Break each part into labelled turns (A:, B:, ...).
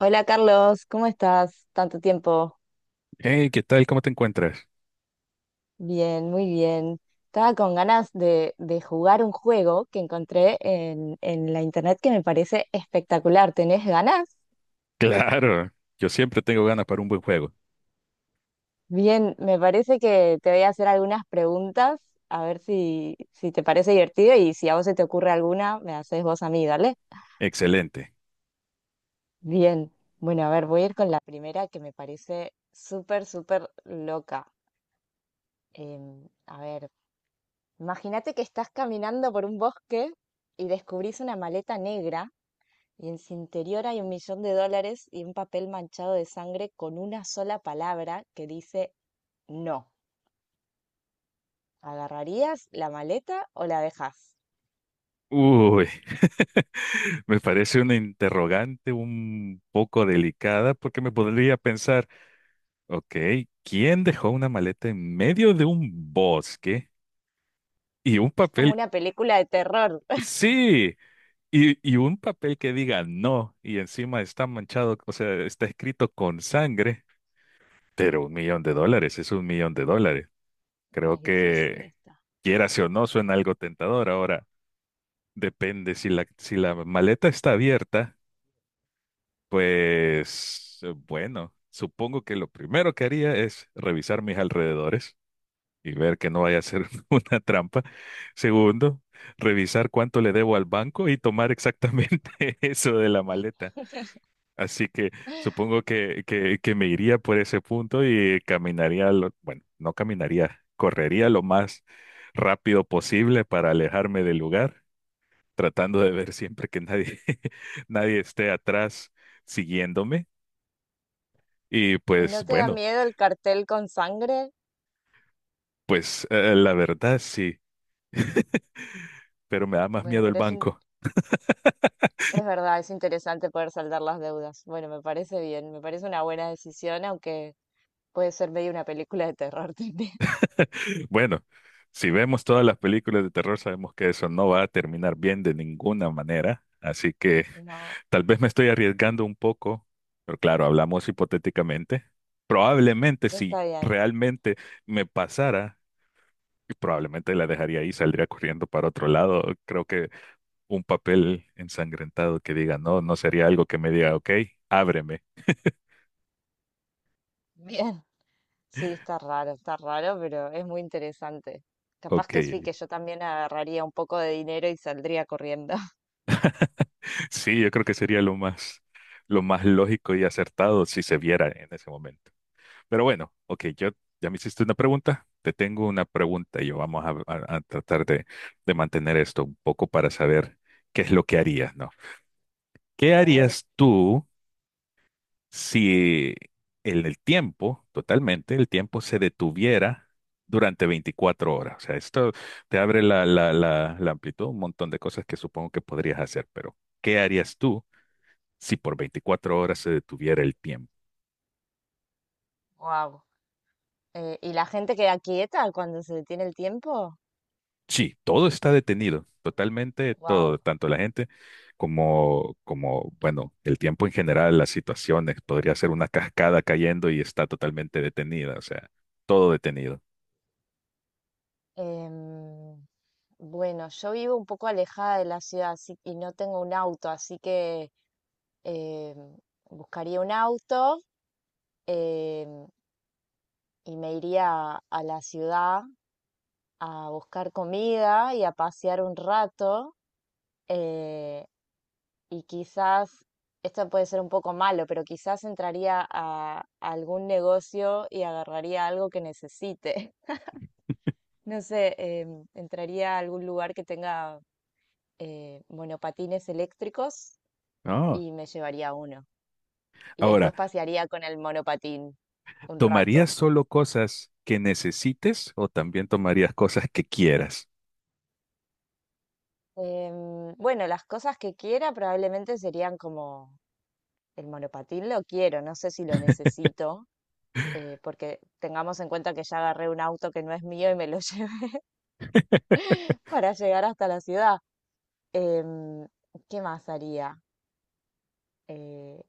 A: Hola Carlos, ¿cómo estás? Tanto tiempo.
B: Hey, ¿qué tal? ¿Cómo te encuentras?
A: Bien, muy bien. Estaba con ganas de jugar un juego que encontré en la internet que me parece espectacular. ¿Tenés ganas?
B: Claro, yo siempre tengo ganas para un buen juego.
A: Bien, me parece que te voy a hacer algunas preguntas, a ver si te parece divertido y si a vos se te ocurre alguna, me haces vos a mí, dale.
B: Excelente.
A: Bien, bueno, a ver, voy a ir con la primera que me parece súper, súper loca. Em, a ver. Imagínate que estás caminando por un bosque y descubrís una maleta negra y en su interior hay un millón de dólares y un papel manchado de sangre con una sola palabra que dice no. ¿Agarrarías la maleta o la dejás?
B: Uy, me parece una interrogante un poco delicada porque me podría pensar, ok, ¿quién dejó una maleta en medio de un bosque y un
A: Es como
B: papel?
A: una película de terror.
B: Sí, y un papel que diga no y encima está manchado, o sea, está escrito con sangre, pero un millón de dólares es un millón de dólares. Creo
A: Es difícil
B: que
A: esta.
B: quieras o no, suena algo tentador. Ahora, depende, si la maleta está abierta, pues bueno, supongo que lo primero que haría es revisar mis alrededores y ver que no vaya a ser una trampa. Segundo, revisar cuánto le debo al banco y tomar exactamente eso de la maleta. Así que supongo que me iría por ese punto y caminaría, bueno, no caminaría, correría lo más rápido posible para alejarme del lugar tratando de ver siempre que nadie, nadie esté atrás siguiéndome. Y
A: ¿Y
B: pues
A: no te da
B: bueno,
A: miedo el cartel con sangre?
B: pues la verdad sí, pero me da más
A: Bueno,
B: miedo el
A: pero
B: banco.
A: es verdad, es interesante poder saldar las deudas. Bueno, me parece bien, me parece una buena decisión, aunque puede ser medio una película de terror también.
B: Bueno, si vemos todas las películas de terror, sabemos que eso no va a terminar bien de ninguna manera. Así que
A: No,
B: tal vez me estoy arriesgando un poco, pero claro, hablamos hipotéticamente. Probablemente si
A: está bien.
B: realmente me pasara, y probablemente la dejaría ahí, saldría corriendo para otro lado. Creo que un papel ensangrentado que diga, no, no sería algo que me diga, ok, ábreme,
A: Bien. Sí, está raro, pero es muy interesante. Capaz
B: ok.
A: que sí, que yo también agarraría un poco de dinero y saldría corriendo.
B: Sí, yo creo que sería lo más lógico y acertado si se viera en ese momento. Pero bueno, ok, yo ya me hiciste una pregunta, te tengo una pregunta y yo vamos a tratar de mantener esto un poco para saber qué es lo que harías, ¿no? ¿Qué
A: A ver,
B: harías tú? Si el tiempo, totalmente, el tiempo se detuviera durante 24 horas. O sea, esto te abre la amplitud, un montón de cosas que supongo que podrías hacer, pero ¿qué harías tú si por 24 horas se detuviera el tiempo?
A: wow. ¿Y la gente queda quieta cuando se detiene el tiempo?
B: Sí, todo está detenido, totalmente, todo,
A: Wow.
B: tanto la gente bueno, el tiempo en general, las situaciones, podría ser una cascada cayendo y está totalmente detenida, o sea, todo detenido.
A: Bueno, yo vivo un poco alejada de la ciudad así, y no tengo un auto, así que em, buscaría un auto, em, y me iría a la ciudad a buscar comida y a pasear un rato. eh, y quizás, esto puede ser un poco malo, pero quizás entraría a algún negocio y agarraría algo que necesite. No sé, entraría a algún lugar que tenga monopatines eléctricos
B: No.
A: y me llevaría uno. Y
B: Ahora,
A: después pasearía con el monopatín un
B: ¿tomarías
A: rato.
B: solo cosas que necesites o también tomarías cosas que quieras?
A: Bueno, las cosas que quiera probablemente serían como el monopatín lo quiero, no sé si lo necesito, porque tengamos en cuenta que ya agarré un auto que no es mío y me lo llevé para llegar hasta la ciudad. Em, ¿Qué más haría? Eh,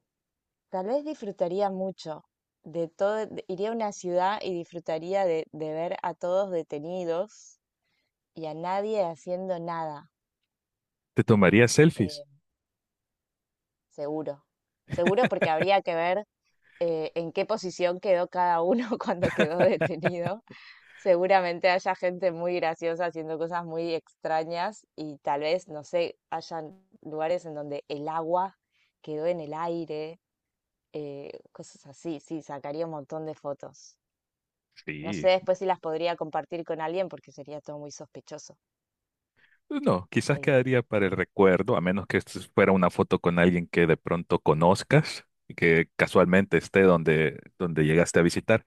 A: Tal vez disfrutaría mucho de todo, iría a una ciudad y disfrutaría de ver a todos detenidos y a nadie haciendo nada,
B: ¿Te tomarías selfies?
A: eh, seguro. Seguro porque habría que ver en qué posición quedó cada uno cuando quedó detenido. Seguramente haya gente muy graciosa haciendo cosas muy extrañas y tal vez, no sé, hayan lugares en donde el agua quedó en el aire, cosas así. Sí, sacaría un montón de fotos. No sé
B: Sí.
A: después si las podría compartir con alguien porque sería todo muy sospechoso.
B: No, quizás
A: Eh,
B: quedaría para el recuerdo, a menos que esto fuera una foto con alguien que de pronto conozcas y que casualmente esté donde, donde llegaste a visitar.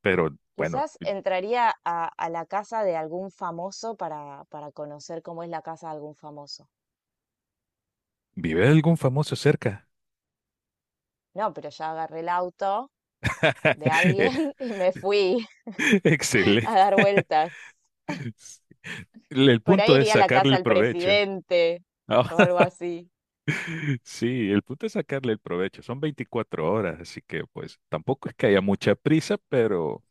B: Pero bueno,
A: Quizás entraría a la casa de algún famoso para conocer cómo es la casa de algún famoso.
B: ¿vive algún famoso cerca?
A: No, pero ya agarré el auto de
B: Eh,
A: alguien y me fui a
B: excelente.
A: dar vueltas.
B: El
A: Por ahí
B: punto es
A: iría a la casa
B: sacarle
A: del
B: provecho.
A: presidente o algo así.
B: Sí, el punto es sacarle el provecho. Son 24 horas, así que pues tampoco es que haya mucha prisa,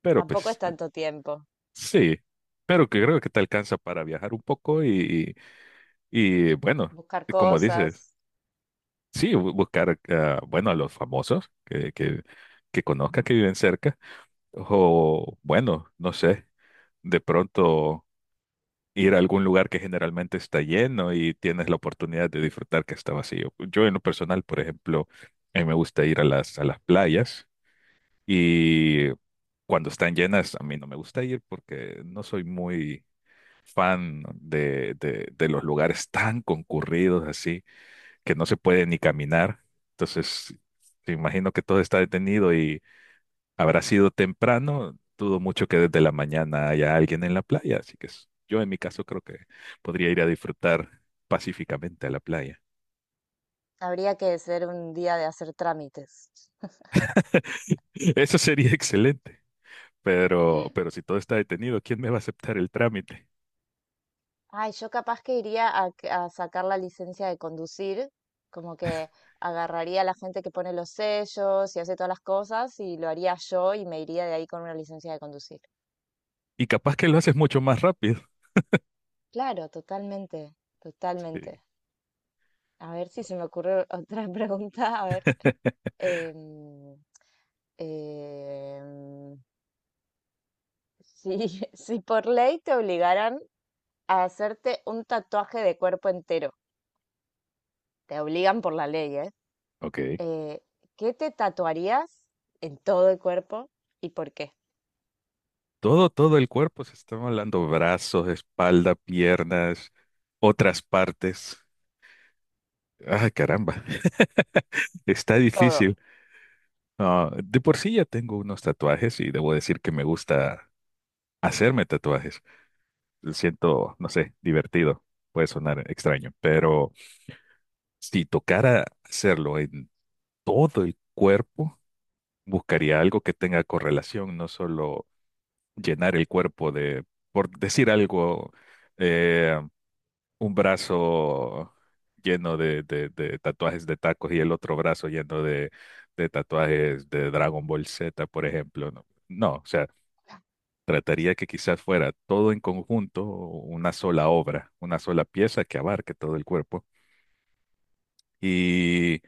B: pero
A: Tampoco es
B: pues
A: tanto tiempo.
B: sí. Pero que creo que te alcanza para viajar un poco bueno,
A: Buscar
B: como dices,
A: cosas.
B: sí, buscar, ah, bueno, a los famosos que conozca, que viven cerca, o bueno, no sé, de pronto. Ir a algún lugar que generalmente está lleno y tienes la oportunidad de disfrutar que está vacío. Yo en lo personal, por ejemplo, a mí me gusta ir a a las playas y cuando están llenas a mí no me gusta ir porque no soy muy fan de los lugares tan concurridos así que no se puede ni caminar. Entonces, te imagino que todo está detenido y habrá sido temprano, dudo mucho que desde la mañana haya alguien en la playa, así que yo en mi caso creo que podría ir a disfrutar pacíficamente a la playa.
A: Habría que ser un día de hacer trámites.
B: Eso sería excelente, pero si todo está detenido, ¿quién me va a aceptar el trámite?
A: Ay, yo capaz que iría a sacar la licencia de conducir, como que agarraría a la gente que pone los sellos y hace todas las cosas y lo haría yo y me iría de ahí con una licencia de conducir.
B: Y capaz que lo haces mucho más rápido.
A: Claro, totalmente, totalmente.
B: Sí.
A: A ver si se me ocurre otra pregunta. A ver, em, em, si, si por ley te obligaran a hacerte un tatuaje de cuerpo entero, te obligan por la ley, ¿eh?
B: Ok.
A: Eh, ¿Qué te tatuarías en todo el cuerpo y por qué?
B: Todo el cuerpo, se está hablando brazos, espalda, piernas, otras partes. Ay, caramba, está
A: Todo.
B: difícil. Ah, de por sí ya tengo unos tatuajes y debo decir que me gusta hacerme tatuajes. Lo siento, no sé, divertido. Puede sonar extraño, pero si tocara hacerlo en todo el cuerpo, buscaría algo que tenga correlación, no solo llenar el cuerpo de, por decir algo, eh, un brazo lleno de, de tatuajes de tacos y el otro brazo lleno de tatuajes de Dragon Ball Z, por ejemplo, ¿no? No, o sea, trataría que quizás fuera todo en conjunto, una sola obra, una sola pieza que abarque todo el cuerpo. Y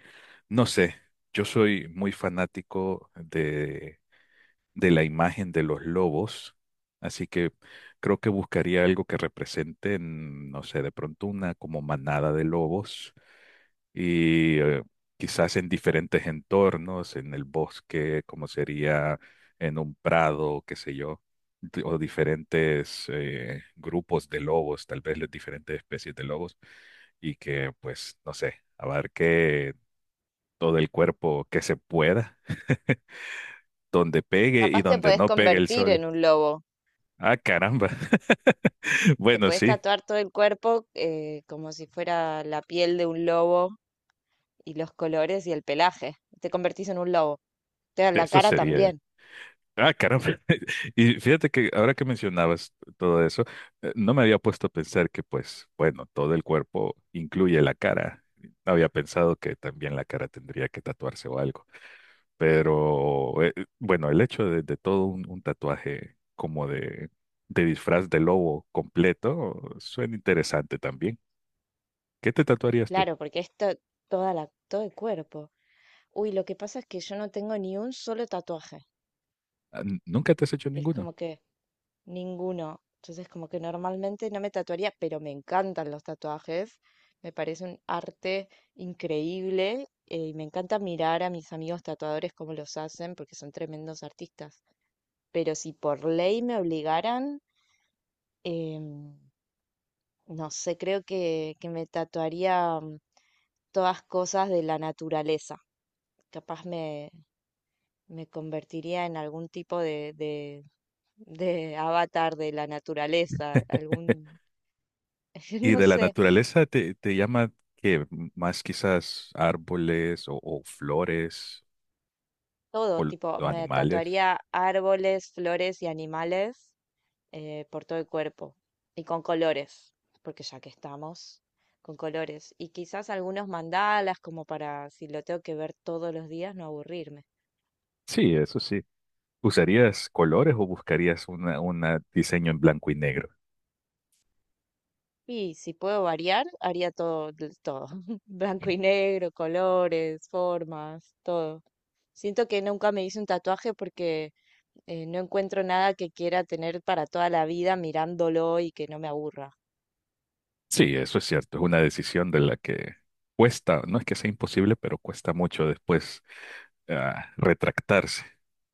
B: no sé, yo soy muy fanático de la imagen de los lobos, así que creo que buscaría algo que representen, no sé, de pronto una como manada de lobos y quizás en diferentes entornos, en el bosque, como sería en un prado, qué sé yo, o diferentes grupos de lobos, tal vez las diferentes especies de lobos, y que pues, no sé, abarque todo el cuerpo que se pueda, donde pegue y
A: Capaz te
B: donde
A: podés
B: no pegue el
A: convertir
B: sol.
A: en un lobo.
B: Ah, caramba.
A: Te
B: Bueno,
A: podés
B: sí,
A: tatuar todo el cuerpo, como si fuera la piel de un lobo y los colores y el pelaje. Te convertís en un lobo. Te da la
B: eso
A: cara
B: sería.
A: también.
B: Ah, caramba. Y fíjate que ahora que mencionabas todo eso, no me había puesto a pensar que, pues, bueno, todo el cuerpo incluye la cara. No había pensado que también la cara tendría que tatuarse o algo. Pero, bueno, el hecho de todo un tatuaje como de disfraz de lobo completo suena interesante también. ¿Qué te tatuarías tú?
A: Claro, porque esto, toda la, todo el cuerpo. Uy, lo que pasa es que yo no tengo ni un solo tatuaje.
B: Ah, ¿nunca te has hecho
A: Es
B: ninguno?
A: como que ninguno. Entonces, como que normalmente no me tatuaría, pero me encantan los tatuajes. Me parece un arte increíble, y me encanta mirar a mis amigos tatuadores cómo los hacen, porque son tremendos artistas. Pero si por ley me obligaran, em, no sé, creo que me tatuaría todas cosas de la naturaleza. Capaz me convertiría en algún tipo de avatar de la naturaleza, algún,
B: Y
A: no
B: de la
A: sé,
B: naturaleza te, te llama que más quizás árboles o flores o
A: todo, tipo,
B: los
A: me
B: animales.
A: tatuaría árboles, flores y animales por todo el cuerpo y con colores, porque ya que estamos con colores, y quizás algunos mandalas como para, si lo tengo que ver todos los días, no aburrirme.
B: Sí, eso sí. ¿Usarías colores o buscarías una diseño en blanco y negro?
A: Y si puedo variar, haría todo, todo. Blanco y negro, colores, formas, todo. Siento que nunca me hice un tatuaje porque no encuentro nada que quiera tener para toda la vida mirándolo y que no me aburra.
B: Sí, eso es cierto. Es una decisión de la que cuesta, no es que sea imposible, pero cuesta mucho después ah, retractarse,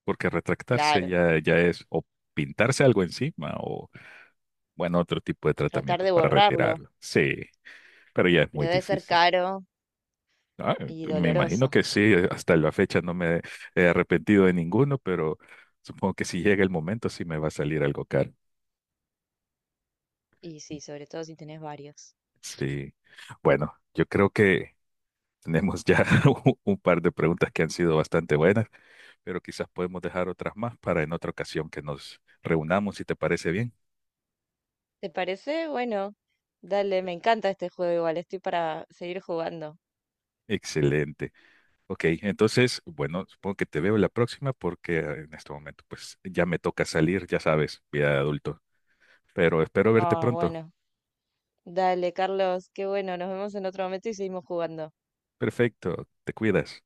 B: porque retractarse
A: Claro.
B: ya, ya es o pintarse algo encima o, bueno, otro tipo de
A: O tratar
B: tratamiento
A: de
B: para
A: borrarlo,
B: retirarlo. Sí, pero ya es
A: pero
B: muy
A: debe ser
B: difícil.
A: caro
B: Ah,
A: y
B: me imagino
A: doloroso.
B: que sí, hasta la fecha no me he arrepentido de ninguno, pero supongo que si llega el momento sí me va a salir algo caro.
A: Y sí, sobre todo si tenés varios.
B: Sí. Bueno, yo creo que tenemos ya un par de preguntas que han sido bastante buenas, pero quizás podemos dejar otras más para en otra ocasión que nos reunamos, si te parece bien.
A: ¿Te parece? Bueno, dale, me encanta este juego igual, estoy para seguir jugando.
B: Excelente. Ok, entonces, bueno, supongo que te veo la próxima porque en este momento pues ya me toca salir, ya sabes, vida de adulto, pero espero verte
A: Ah,
B: pronto.
A: bueno. Dale, Carlos, qué bueno, nos vemos en otro momento y seguimos jugando.
B: Perfecto, te cuidas.